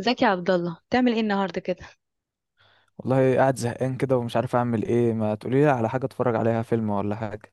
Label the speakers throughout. Speaker 1: ازيك يا عبد الله؟ بتعمل ايه النهارده كده؟
Speaker 2: والله قاعد زهقان كده ومش عارف اعمل ايه، ما تقولي لي على حاجه اتفرج عليها فيلم ولا حاجه؟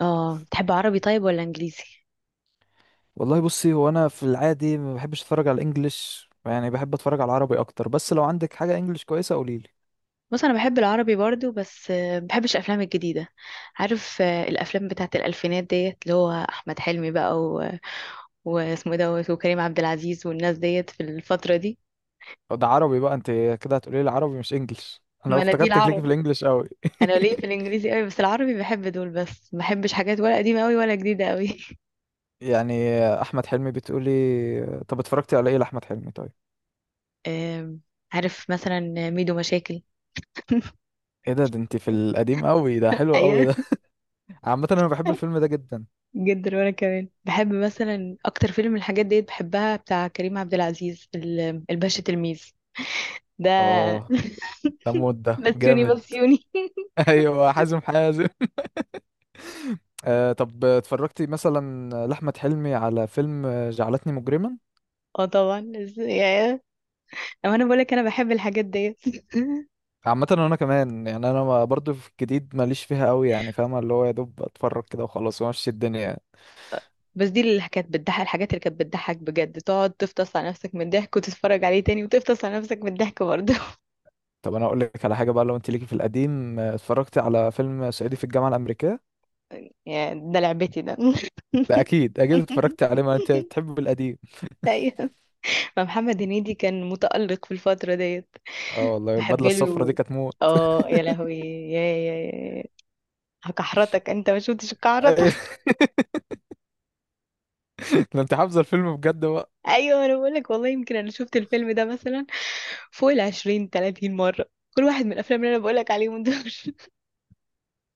Speaker 1: اه، بتحب عربي طيب ولا انجليزي؟
Speaker 2: والله بصي، هو انا في العادي ما بحبش اتفرج على الانجليش، يعني بحب اتفرج على العربي اكتر، بس لو عندك حاجه انجليش كويسه قولي لي.
Speaker 1: بص، انا بحب العربي برضو بس بحبش الافلام الجديده. عارف، الافلام بتاعت الالفينات ديت، اللي هو احمد حلمي بقى واسمه دوت، وكريم عبد العزيز، والناس ديت في الفتره دي.
Speaker 2: ده عربي بقى انت؟ كده هتقولي لي عربي مش انجليش؟ انا
Speaker 1: ما انا دي
Speaker 2: افتكرتك ليكي في
Speaker 1: العرب.
Speaker 2: الانجليش قوي.
Speaker 1: انا ليه في الانجليزي قوي، بس العربي بحب دول بس، ما بحبش حاجات ولا قديمه قوي ولا جديده قوي.
Speaker 2: يعني احمد حلمي بتقولي؟ طب اتفرجتي على ايه لاحمد حلمي طيب؟
Speaker 1: آم، عارف مثلا ميدو مشاكل.
Speaker 2: ايه ده؟ ده انت في القديم قوي. ده حلو قوي
Speaker 1: ايوه،
Speaker 2: ده. عامه انا بحب الفيلم ده جدا.
Speaker 1: جدا. وانا كمان بحب مثلا اكتر فيلم الحاجات ديت بحبها بتاع كريم عبد العزيز، الباشا تلميذ ده.
Speaker 2: اه، ده مود ده.
Speaker 1: بسيوني
Speaker 2: جامد.
Speaker 1: بسيوني.
Speaker 2: ايوه، حازم حازم. طب اتفرجتي مثلا لأحمد حلمي على فيلم جعلتني مجرما؟
Speaker 1: اه طبعا، اما انا بقولك انا بحب الحاجات ديت.
Speaker 2: عامة انا كمان يعني، انا برضو في الجديد ماليش فيها قوي، يعني فاهمة اللي هو يا دوب اتفرج كده وخلاص وامشي الدنيا يعني.
Speaker 1: بس دي اللي كانت بتضحك، الحاجات اللي كانت بتضحك بجد، تقعد تفطس على نفسك من الضحك، وتتفرج عليه تاني وتفطس على نفسك من الضحك برضه.
Speaker 2: طب انا اقول لك على حاجة بقى، لو انت ليكي في القديم، اتفرجتي على فيلم صعيدي في الجامعة الأمريكية؟
Speaker 1: يا ده لعبتي ده.
Speaker 2: ده اكيد اكيد اتفرجتي عليه، ما انت بتحب القديم.
Speaker 1: ايوه، ما محمد هنيدي كان متألق في الفترة ديت.
Speaker 2: اه والله،
Speaker 1: بحب
Speaker 2: البدلة الصفرا دي
Speaker 1: له.
Speaker 2: كانت موت.
Speaker 1: اه يا لهوي، يا يا يا هكحرتك، انت ما شفتش الكحرتة.
Speaker 2: أيوة. ده انت حافظة الفيلم بجد بقى.
Speaker 1: ايوه، انا بقولك والله، يمكن انا شفت الفيلم ده مثلا فوق 20-30 مرة، كل واحد من الافلام اللي انا بقولك عليهم دول.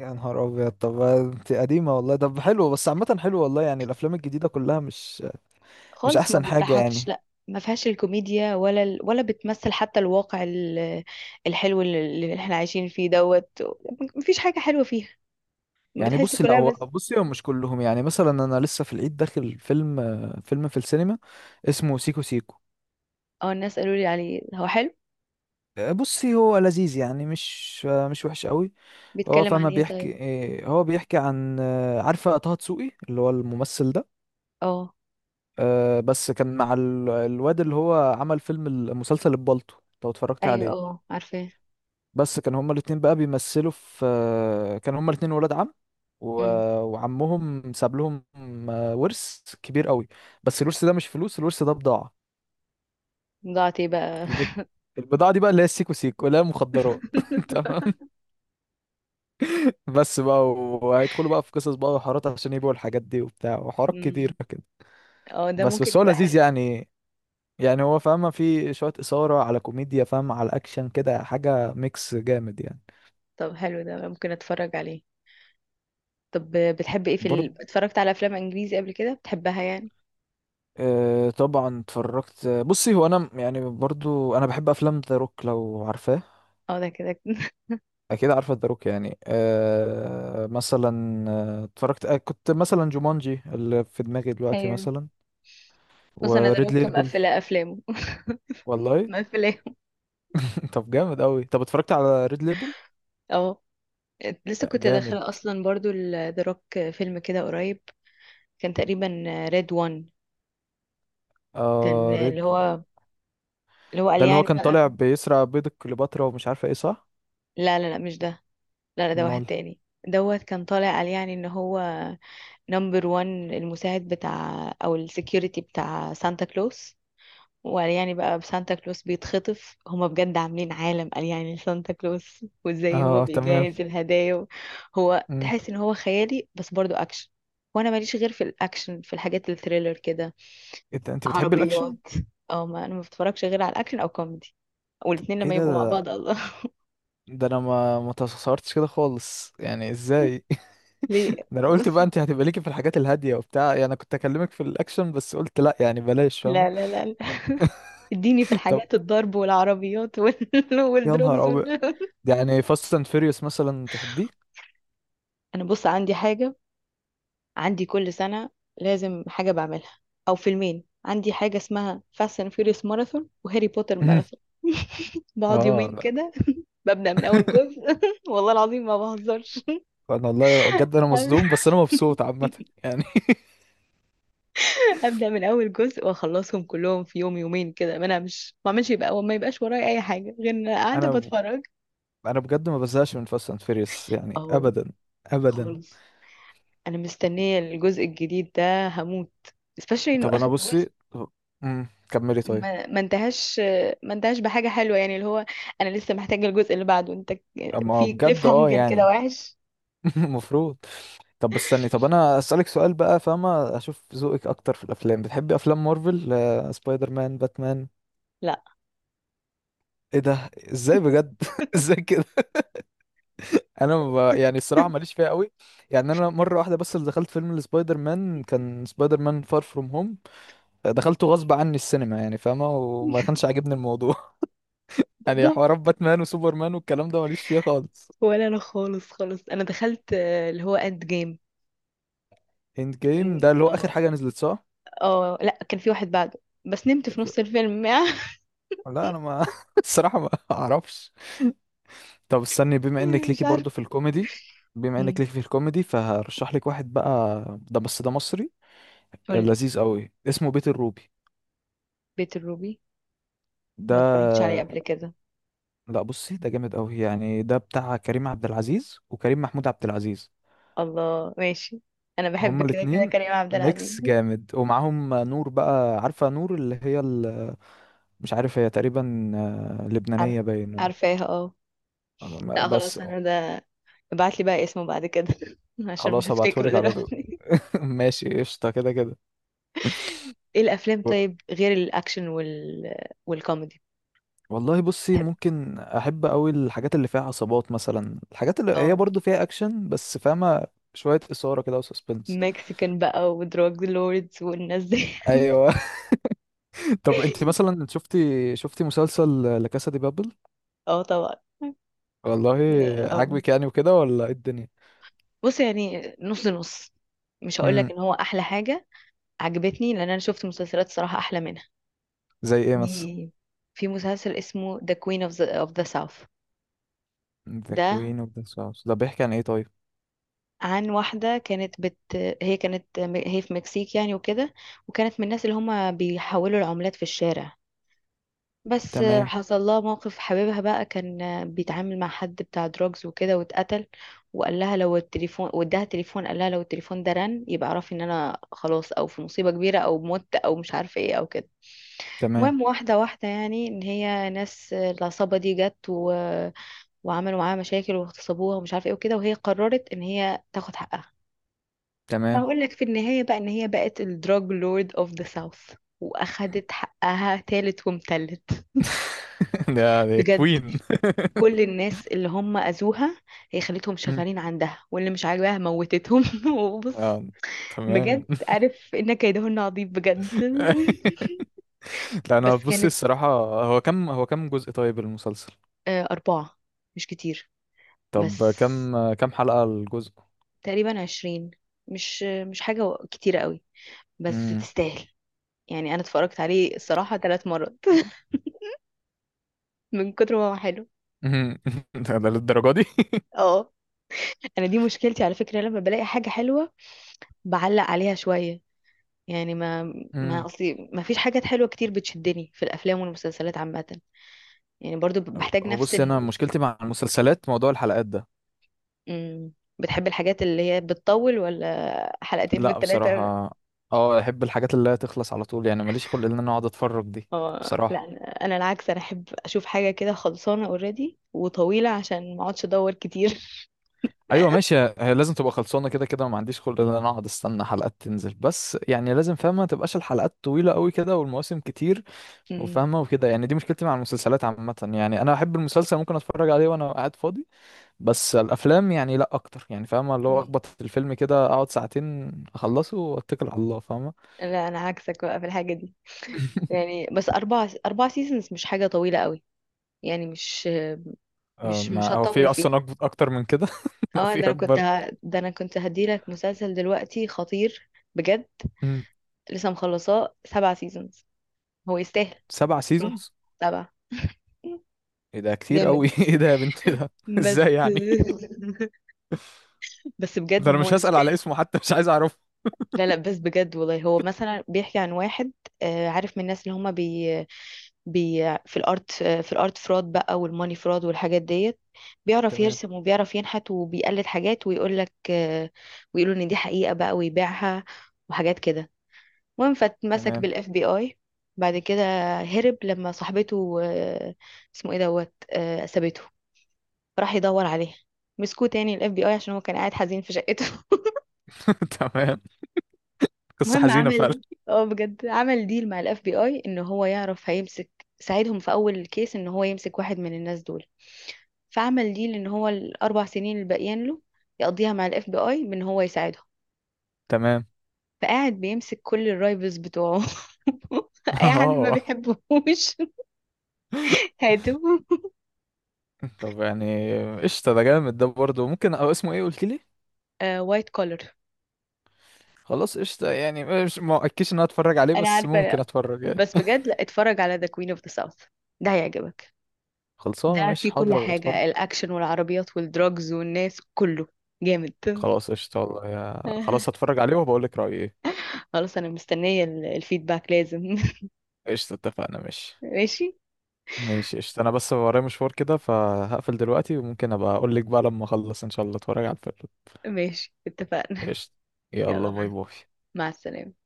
Speaker 2: يا نهار ابيض، طب انت قديمه والله. طب حلو، بس عامه حلو والله. يعني الافلام الجديده كلها مش مش
Speaker 1: خالص ما
Speaker 2: احسن حاجة
Speaker 1: بيضحكش،
Speaker 2: يعني.
Speaker 1: لا ما فيهاش الكوميديا ولا ولا بتمثل حتى الواقع الحلو اللي احنا عايشين فيه دوت. مفيش حاجة حلوة فيها،
Speaker 2: يعني
Speaker 1: بتحس
Speaker 2: بصي، لا
Speaker 1: كلها
Speaker 2: هو
Speaker 1: بس.
Speaker 2: بصي هم مش كلهم، يعني مثلا انا لسه في العيد داخل فيلم، فيلم في السينما اسمه سيكو سيكو.
Speaker 1: اه، الناس قالوا لي عليه هو حلو.
Speaker 2: بصي هو لذيذ يعني، مش مش وحش قوي. هو
Speaker 1: بيتكلم عن
Speaker 2: فما
Speaker 1: ايه طيب؟
Speaker 2: بيحكي. هو بيحكي عن عارفة طه دسوقي اللي هو الممثل ده؟
Speaker 1: اه،
Speaker 2: بس كان مع الواد اللي هو عمل فيلم المسلسل البالطو، لو اتفرجت
Speaker 1: ايوه،
Speaker 2: عليه.
Speaker 1: اه، عارفاه.
Speaker 2: بس كان هما الاتنين بقى بيمثلوا في كان هما الاتنين ولاد عم و... وعمهم ساب لهم ورث كبير قوي. بس الورث ده مش فلوس، الورث ده بضاعة.
Speaker 1: ضاعت ايه بقى؟
Speaker 2: البض... البضاعة دي بقى، اللي هي السيكو سيكو، اللي هي مخدرات. تمام. بس بقى وهيدخلوا بقى في قصص بقى وحوارات عشان يبيعوا الحاجات دي وبتاع، وحوارات
Speaker 1: مم.
Speaker 2: كتيرة كده.
Speaker 1: اه، ده
Speaker 2: بس
Speaker 1: ممكن
Speaker 2: بس هو
Speaker 1: يبقى
Speaker 2: لذيذ
Speaker 1: حلو.
Speaker 2: يعني. يعني هو فاهمة في شوية إثارة على كوميديا، فاهمة على أكشن كده، حاجة ميكس جامد يعني.
Speaker 1: طب حلو، ده ممكن اتفرج عليه. طب بتحب ايه في
Speaker 2: برضه
Speaker 1: اتفرجت على افلام انجليزي قبل كده بتحبها يعني؟
Speaker 2: طبعا اتفرجت. بصي هو انا يعني برضو انا بحب افلام ذا روك، لو عارفاه.
Speaker 1: اه ده كده.
Speaker 2: اكيد عارفه ذا روك يعني. مثلا اتفرجت كنت مثلا جومانجي اللي في دماغي دلوقتي
Speaker 1: ايوه.
Speaker 2: مثلا،
Speaker 1: بص، انا ذا
Speaker 2: وريد
Speaker 1: روك
Speaker 2: ليبل.
Speaker 1: مقفله افلامه.
Speaker 2: والله.
Speaker 1: مقفلاه.
Speaker 2: طب جامد قوي. طب اتفرجت على ريد ليبل؟
Speaker 1: اه، لسه
Speaker 2: ده
Speaker 1: كنت
Speaker 2: جامد.
Speaker 1: داخله اصلا برضو ذا روك فيلم كده قريب، كان تقريبا ريد وان، كان
Speaker 2: اه، ريد.
Speaker 1: اللي هو قال
Speaker 2: ده اللي هو
Speaker 1: يعني
Speaker 2: كان
Speaker 1: بقى،
Speaker 2: طالع بيسرق بيض كليوباترا ومش عارفه ايه، صح؟
Speaker 1: لا لا لا مش ده. لا لا، ده واحد
Speaker 2: امال؟
Speaker 1: تاني. دوت كان طالع قال يعني ان هو نمبر 1، المساعد بتاع او السكيورتي بتاع سانتا كلوس. وقال يعني بقى سانتا كلوس بيتخطف، هما بجد عاملين عالم، قال يعني سانتا كلوس وازاي هو
Speaker 2: اه تمام.
Speaker 1: بيجهز الهدايا هو
Speaker 2: مم.
Speaker 1: تحس ان هو خيالي بس برضو اكشن. وانا ماليش غير في الاكشن، في الحاجات الثريلر كده،
Speaker 2: إيه ده، انت بتحبي الاكشن؟
Speaker 1: عربيات. او ما انا ما بتفرجش غير على الاكشن او كوميدي، والاتنين
Speaker 2: ايه
Speaker 1: لما
Speaker 2: ده
Speaker 1: يبقوا مع
Speaker 2: ده!
Speaker 1: بعض الله.
Speaker 2: ده انا ما تصورتش كده خالص، يعني ازاي؟
Speaker 1: ليه؟
Speaker 2: ده انا قلت
Speaker 1: بص،
Speaker 2: بقى انت هتبقى ليكي في الحاجات الهاديه وبتاع، يعني انا كنت اكلمك في الاكشن بس قلت لا، يعني بلاش فاهمه.
Speaker 1: لا لا لا لا. اديني في
Speaker 2: طب.
Speaker 1: الحاجات الضرب والعربيات
Speaker 2: يا
Speaker 1: والدروجز
Speaker 2: نهار ابيض! يعني فاست اند فيريوس مثلا تحبيه؟
Speaker 1: انا بص عندي حاجة، عندي كل سنة لازم حاجة بعملها أو فيلمين، عندي حاجة اسمها فاست اند فيوريوس ماراثون وهاري بوتر
Speaker 2: مهم.
Speaker 1: ماراثون. بقعد
Speaker 2: اه
Speaker 1: يومين
Speaker 2: لا.
Speaker 1: كده، ببدأ من أول جزء. والله العظيم ما بهزرش.
Speaker 2: انا والله بجد انا مصدوم، بس انا مبسوط عامه يعني.
Speaker 1: أبدأ من أول جزء وأخلصهم كلهم في يوم يومين كده، ما أنامش ما أعملش، يبقى ما يبقاش ورايا أي حاجة غير إن أنا قاعدة
Speaker 2: انا ب-
Speaker 1: بتفرج.
Speaker 2: انا بجد ما بزهقش من فاست اند فيريوس يعني،
Speaker 1: أهو.
Speaker 2: ابدا. ابدا.
Speaker 1: خالص. أنا مستنية الجزء الجديد ده، هموت especially إنه
Speaker 2: طب انا
Speaker 1: آخر جزء.
Speaker 2: بصي. مم، كملي طيب.
Speaker 1: ما انتهاش، ما انتهاش بحاجة حلوة يعني اللي هو، انا لسه محتاجة الجزء اللي بعده. انت
Speaker 2: اما
Speaker 1: في كليف
Speaker 2: بجد، اه
Speaker 1: هانجر كده
Speaker 2: يعني.
Speaker 1: وحش.
Speaker 2: المفروض. طب بس استني، طب انا اسالك سؤال بقى فاهمه، اشوف ذوقك اكتر في الافلام. بتحبي افلام مارفل، سبايدر مان، باتمان؟
Speaker 1: لا.
Speaker 2: ايه ده، ازاي بجد؟ ازاي كده؟ انا يعني الصراحه ماليش فيها قوي يعني. انا مره واحده بس اللي دخلت فيلم لسبايدر مان كان سبايدر مان فار فروم هوم. دخلته غصب عني السينما يعني فاهمه، وما كانش عاجبني الموضوع. يعني
Speaker 1: بالظبط.
Speaker 2: حوارات باتمان وسوبرمان والكلام ده ماليش فيها خالص.
Speaker 1: ولا انا خالص خالص، انا دخلت اللي هو اند جيم.
Speaker 2: اند جيم ده اللي هو اخر
Speaker 1: اه،
Speaker 2: حاجه نزلت، صح؟
Speaker 1: لا كان في واحد بعده، بس نمت
Speaker 2: كان
Speaker 1: في
Speaker 2: في-
Speaker 1: نص الفيلم.
Speaker 2: لا، انا ما الصراحه ما اعرفش. طب استني، بما انك
Speaker 1: مش
Speaker 2: ليكي
Speaker 1: عارفه.
Speaker 2: برضو في الكوميدي، بما انك
Speaker 1: مم.
Speaker 2: ليكي في الكوميدي فهرشح لك واحد بقى. ده بس ده مصري،
Speaker 1: قولي.
Speaker 2: لذيذ قوي، اسمه بيت الروبي.
Speaker 1: بيت الروبي.
Speaker 2: ده.
Speaker 1: ما اتفرجتش عليه قبل كده.
Speaker 2: لا بصي، ده جامد قوي يعني. ده بتاع كريم عبد العزيز وكريم محمود عبد العزيز،
Speaker 1: الله، ماشي. انا بحب
Speaker 2: هما
Speaker 1: كده كده
Speaker 2: الاتنين،
Speaker 1: كريم عبد العزيز.
Speaker 2: ميكس جامد. ومعاهم نور بقى. عارفة نور اللي هي مش عارف، هي تقريبا
Speaker 1: عارف،
Speaker 2: لبنانية باين.
Speaker 1: عارفاها اه. لا
Speaker 2: بس.
Speaker 1: خلاص، انا ده. ابعت لي بقى اسمه بعد كده عشان مش
Speaker 2: خلاص
Speaker 1: هفتكره
Speaker 2: هبعتهولك على طول.
Speaker 1: دلوقتي.
Speaker 2: ماشي قشطة كده كده.
Speaker 1: ايه الافلام طيب غير الاكشن والكوميدي؟
Speaker 2: والله بصي،
Speaker 1: بحب.
Speaker 2: ممكن احب قوي الحاجات اللي فيها عصابات مثلا، الحاجات اللي هي
Speaker 1: اه،
Speaker 2: برضو فيها اكشن بس، فاهمه، شويه اثاره كده وسسبنس.
Speaker 1: مكسيكان بقى ودراج لوردز والناس دي.
Speaker 2: ايوه. طب انت مثلا شفتي مسلسل لا كاسا دي بابل؟
Speaker 1: اه طبعا،
Speaker 2: والله.
Speaker 1: اه.
Speaker 2: عاجبك يعني وكده ولا ايه الدنيا؟
Speaker 1: بص، يعني نص نص. مش هقول لك
Speaker 2: امم.
Speaker 1: ان هو احلى حاجه، عجبتني لان انا شفت مسلسلات صراحه احلى منها.
Speaker 2: زي ايه مثلا؟
Speaker 1: في في مسلسل اسمه The Queen of the South.
Speaker 2: ذا
Speaker 1: ده
Speaker 2: كوين اوف ذا ساوث ده بيحكي عن ايه طيب؟
Speaker 1: عن واحدة كانت هي في مكسيك يعني وكده، وكانت من الناس اللي هما بيحولوا العملات في الشارع. بس
Speaker 2: تمام.
Speaker 1: حصل لها موقف، حبيبها بقى كان بيتعامل مع حد بتاع دروجز وكده واتقتل. وقال لها لو التليفون، واداها تليفون، قال لها لو التليفون ده رن يبقى اعرفي ان انا خلاص، او في مصيبة كبيرة، او مت، او مش عارفة ايه او كده.
Speaker 2: تمام.
Speaker 1: المهم، واحدة واحدة يعني، ان هي ناس العصابة دي جت وعملوا معاها مشاكل واغتصبوها ومش عارفة ايه وكده، وهي قررت ان هي تاخد حقها.
Speaker 2: تمام.
Speaker 1: هقول لك في النهاية بقى، إن هي بقت الدراج لورد أوف ذا ساوث، وأخدت حقها تالت ومتلت.
Speaker 2: ده
Speaker 1: بجد،
Speaker 2: كوين.
Speaker 1: كل الناس اللي هم أذوها هي خلتهم
Speaker 2: مم.
Speaker 1: شغالين عندها، واللي مش عاجباها موتتهم. وبص،
Speaker 2: اه تمام.
Speaker 1: بجد عارف إن كيدهن عظيم بجد.
Speaker 2: لا، انا
Speaker 1: بس
Speaker 2: بصي
Speaker 1: كانت
Speaker 2: الصراحه. هو كم جزء طيب المسلسل؟
Speaker 1: 4، مش كتير.
Speaker 2: طب
Speaker 1: بس
Speaker 2: كم حلقة الجزء؟
Speaker 1: تقريبا 20، مش حاجة كتيرة قوي، بس
Speaker 2: امم.
Speaker 1: تستاهل. يعني أنا اتفرجت عليه الصراحة 3 مرات من كتر ما هو حلو.
Speaker 2: ده للدرجة دي؟
Speaker 1: اه، انا دي مشكلتي على فكره، لما بلاقي حاجه حلوه بعلق عليها شويه، يعني ما
Speaker 2: امم.
Speaker 1: اصلي ما فيش حاجات حلوه كتير بتشدني في الافلام والمسلسلات عامه، يعني برضو بحتاج
Speaker 2: هو
Speaker 1: نفس
Speaker 2: بص، انا مشكلتي مع المسلسلات موضوع الحلقات ده.
Speaker 1: مم. بتحب الحاجات اللي هي بتطول ولا حلقتين
Speaker 2: لا
Speaker 1: بالثلاثه؟
Speaker 2: بصراحة، اه، احب الحاجات اللي هي تخلص على طول يعني. ماليش خلق ان انا اقعد اتفرج دي،
Speaker 1: اه لا،
Speaker 2: بصراحة.
Speaker 1: انا. أنا العكس، انا احب اشوف حاجه كده خلصانه اوريدي وطويله عشان ما اقعدش ادور كتير.
Speaker 2: ايوه ماشي، هي لازم تبقى خلصانة كده كده. ما عنديش خلق ان انا اقعد استنى حلقات تنزل. بس يعني لازم فاهمة، ما تبقاش الحلقات طويلة قوي كده والمواسم كتير
Speaker 1: مم.
Speaker 2: وفاهمة وكده يعني. دي مشكلتي مع المسلسلات عامة يعني. انا احب المسلسل ممكن اتفرج عليه وانا قاعد فاضي. بس الافلام يعني لا اكتر، يعني فاهمه اللي هو
Speaker 1: مم.
Speaker 2: اخبط في الفيلم كده، اقعد ساعتين اخلصه واتكل على الله، فاهمه.
Speaker 1: لا، انا عكسك بقى في الحاجه دي، يعني بس اربع سيزونز مش حاجه طويله قوي، يعني مش
Speaker 2: آه،
Speaker 1: مش مش
Speaker 2: ما هو في
Speaker 1: هتطول فيه.
Speaker 2: اصلا اكتر من كده. لو
Speaker 1: اه
Speaker 2: في
Speaker 1: ده انا كنت
Speaker 2: اكبر.
Speaker 1: ده انا كنت هديلك مسلسل دلوقتي خطير بجد،
Speaker 2: مم.
Speaker 1: لسه مخلصاه 7 سيزونز. هو يستاهل،
Speaker 2: سبع
Speaker 1: صح،
Speaker 2: سيزونز
Speaker 1: 7.
Speaker 2: ايه ده كتير
Speaker 1: جامد
Speaker 2: قوي! ايه ده يا بنت ده!
Speaker 1: بس.
Speaker 2: ازاي يعني؟
Speaker 1: بس بجد،
Speaker 2: ده
Speaker 1: ما
Speaker 2: انا
Speaker 1: هو
Speaker 2: مش هسأل على
Speaker 1: يستاهل.
Speaker 2: اسمه حتى، مش عايز اعرفه.
Speaker 1: لا لا، بس بجد والله، هو مثلا بيحكي عن واحد، عارف، من الناس اللي هما بي في الارت فراد بقى، والماني فراد والحاجات ديت. بيعرف
Speaker 2: تمام.
Speaker 1: يرسم وبيعرف ينحت وبيقلد حاجات، ويقول لك ويقولوا ان دي حقيقة بقى، ويبيعها، وحاجات كده. المهم، فاتمسك
Speaker 2: تمام.
Speaker 1: بالاف بي اي. بعد كده هرب لما صاحبته، اسمه ايه دوت، سابته، راح يدور عليها، مسكوه تاني الاف بي اي عشان هو كان قاعد حزين في شقته.
Speaker 2: تمام. قصة
Speaker 1: المهم،
Speaker 2: حزينة فعلا.
Speaker 1: عمل اه بجد، عمل ديل مع الاف بي اي ان هو يعرف هيمسك، ساعدهم في اول كيس ان هو يمسك واحد من الناس دول، فعمل ديل ان هو ال4 سنين اللي باقيين له يقضيها مع الاف بي اي بان هو يساعدهم.
Speaker 2: تمام.
Speaker 1: فقاعد بيمسك كل الرايفلز بتوعه. اي حد ما
Speaker 2: اه،
Speaker 1: بيحبهوش هاتوا.
Speaker 2: طب يعني قشطة، ده جامد، ده برضه ممكن. او اسمه ايه قلت لي؟
Speaker 1: وايت كولر.
Speaker 2: خلاص قشطة يعني. مش ما اكدش ان انا اتفرج عليه،
Speaker 1: انا
Speaker 2: بس
Speaker 1: عارفه.
Speaker 2: ممكن
Speaker 1: لا.
Speaker 2: اتفرج يعني.
Speaker 1: بس بجد، لا اتفرج على ذا كوين اوف ذا ساوث، ده هيعجبك.
Speaker 2: خلصانة؟
Speaker 1: ده
Speaker 2: ماشي،
Speaker 1: فيه كل
Speaker 2: حاضر أبقى أتفرج.
Speaker 1: حاجة، الأكشن والعربيات والدراجز والناس كله. جامد.
Speaker 2: خلاص قشطة والله يا خلاص، هتفرج عليه وبقول لك رأيي إيه.
Speaker 1: خلاص، أنا مستنية الفيدباك لازم.
Speaker 2: قشطة اتفقنا. ماشي.
Speaker 1: ماشي.
Speaker 2: ماشي قشطة. أنا بس ورايا مشوار كده فهقفل دلوقتي، وممكن أبقى أقول لك بقى لما أخلص إن شاء الله أتفرج على الفيلم.
Speaker 1: ماشي اتفقنا.
Speaker 2: قشطة. يلا،
Speaker 1: يلا،
Speaker 2: باي
Speaker 1: مع
Speaker 2: باي.
Speaker 1: مع السلامة.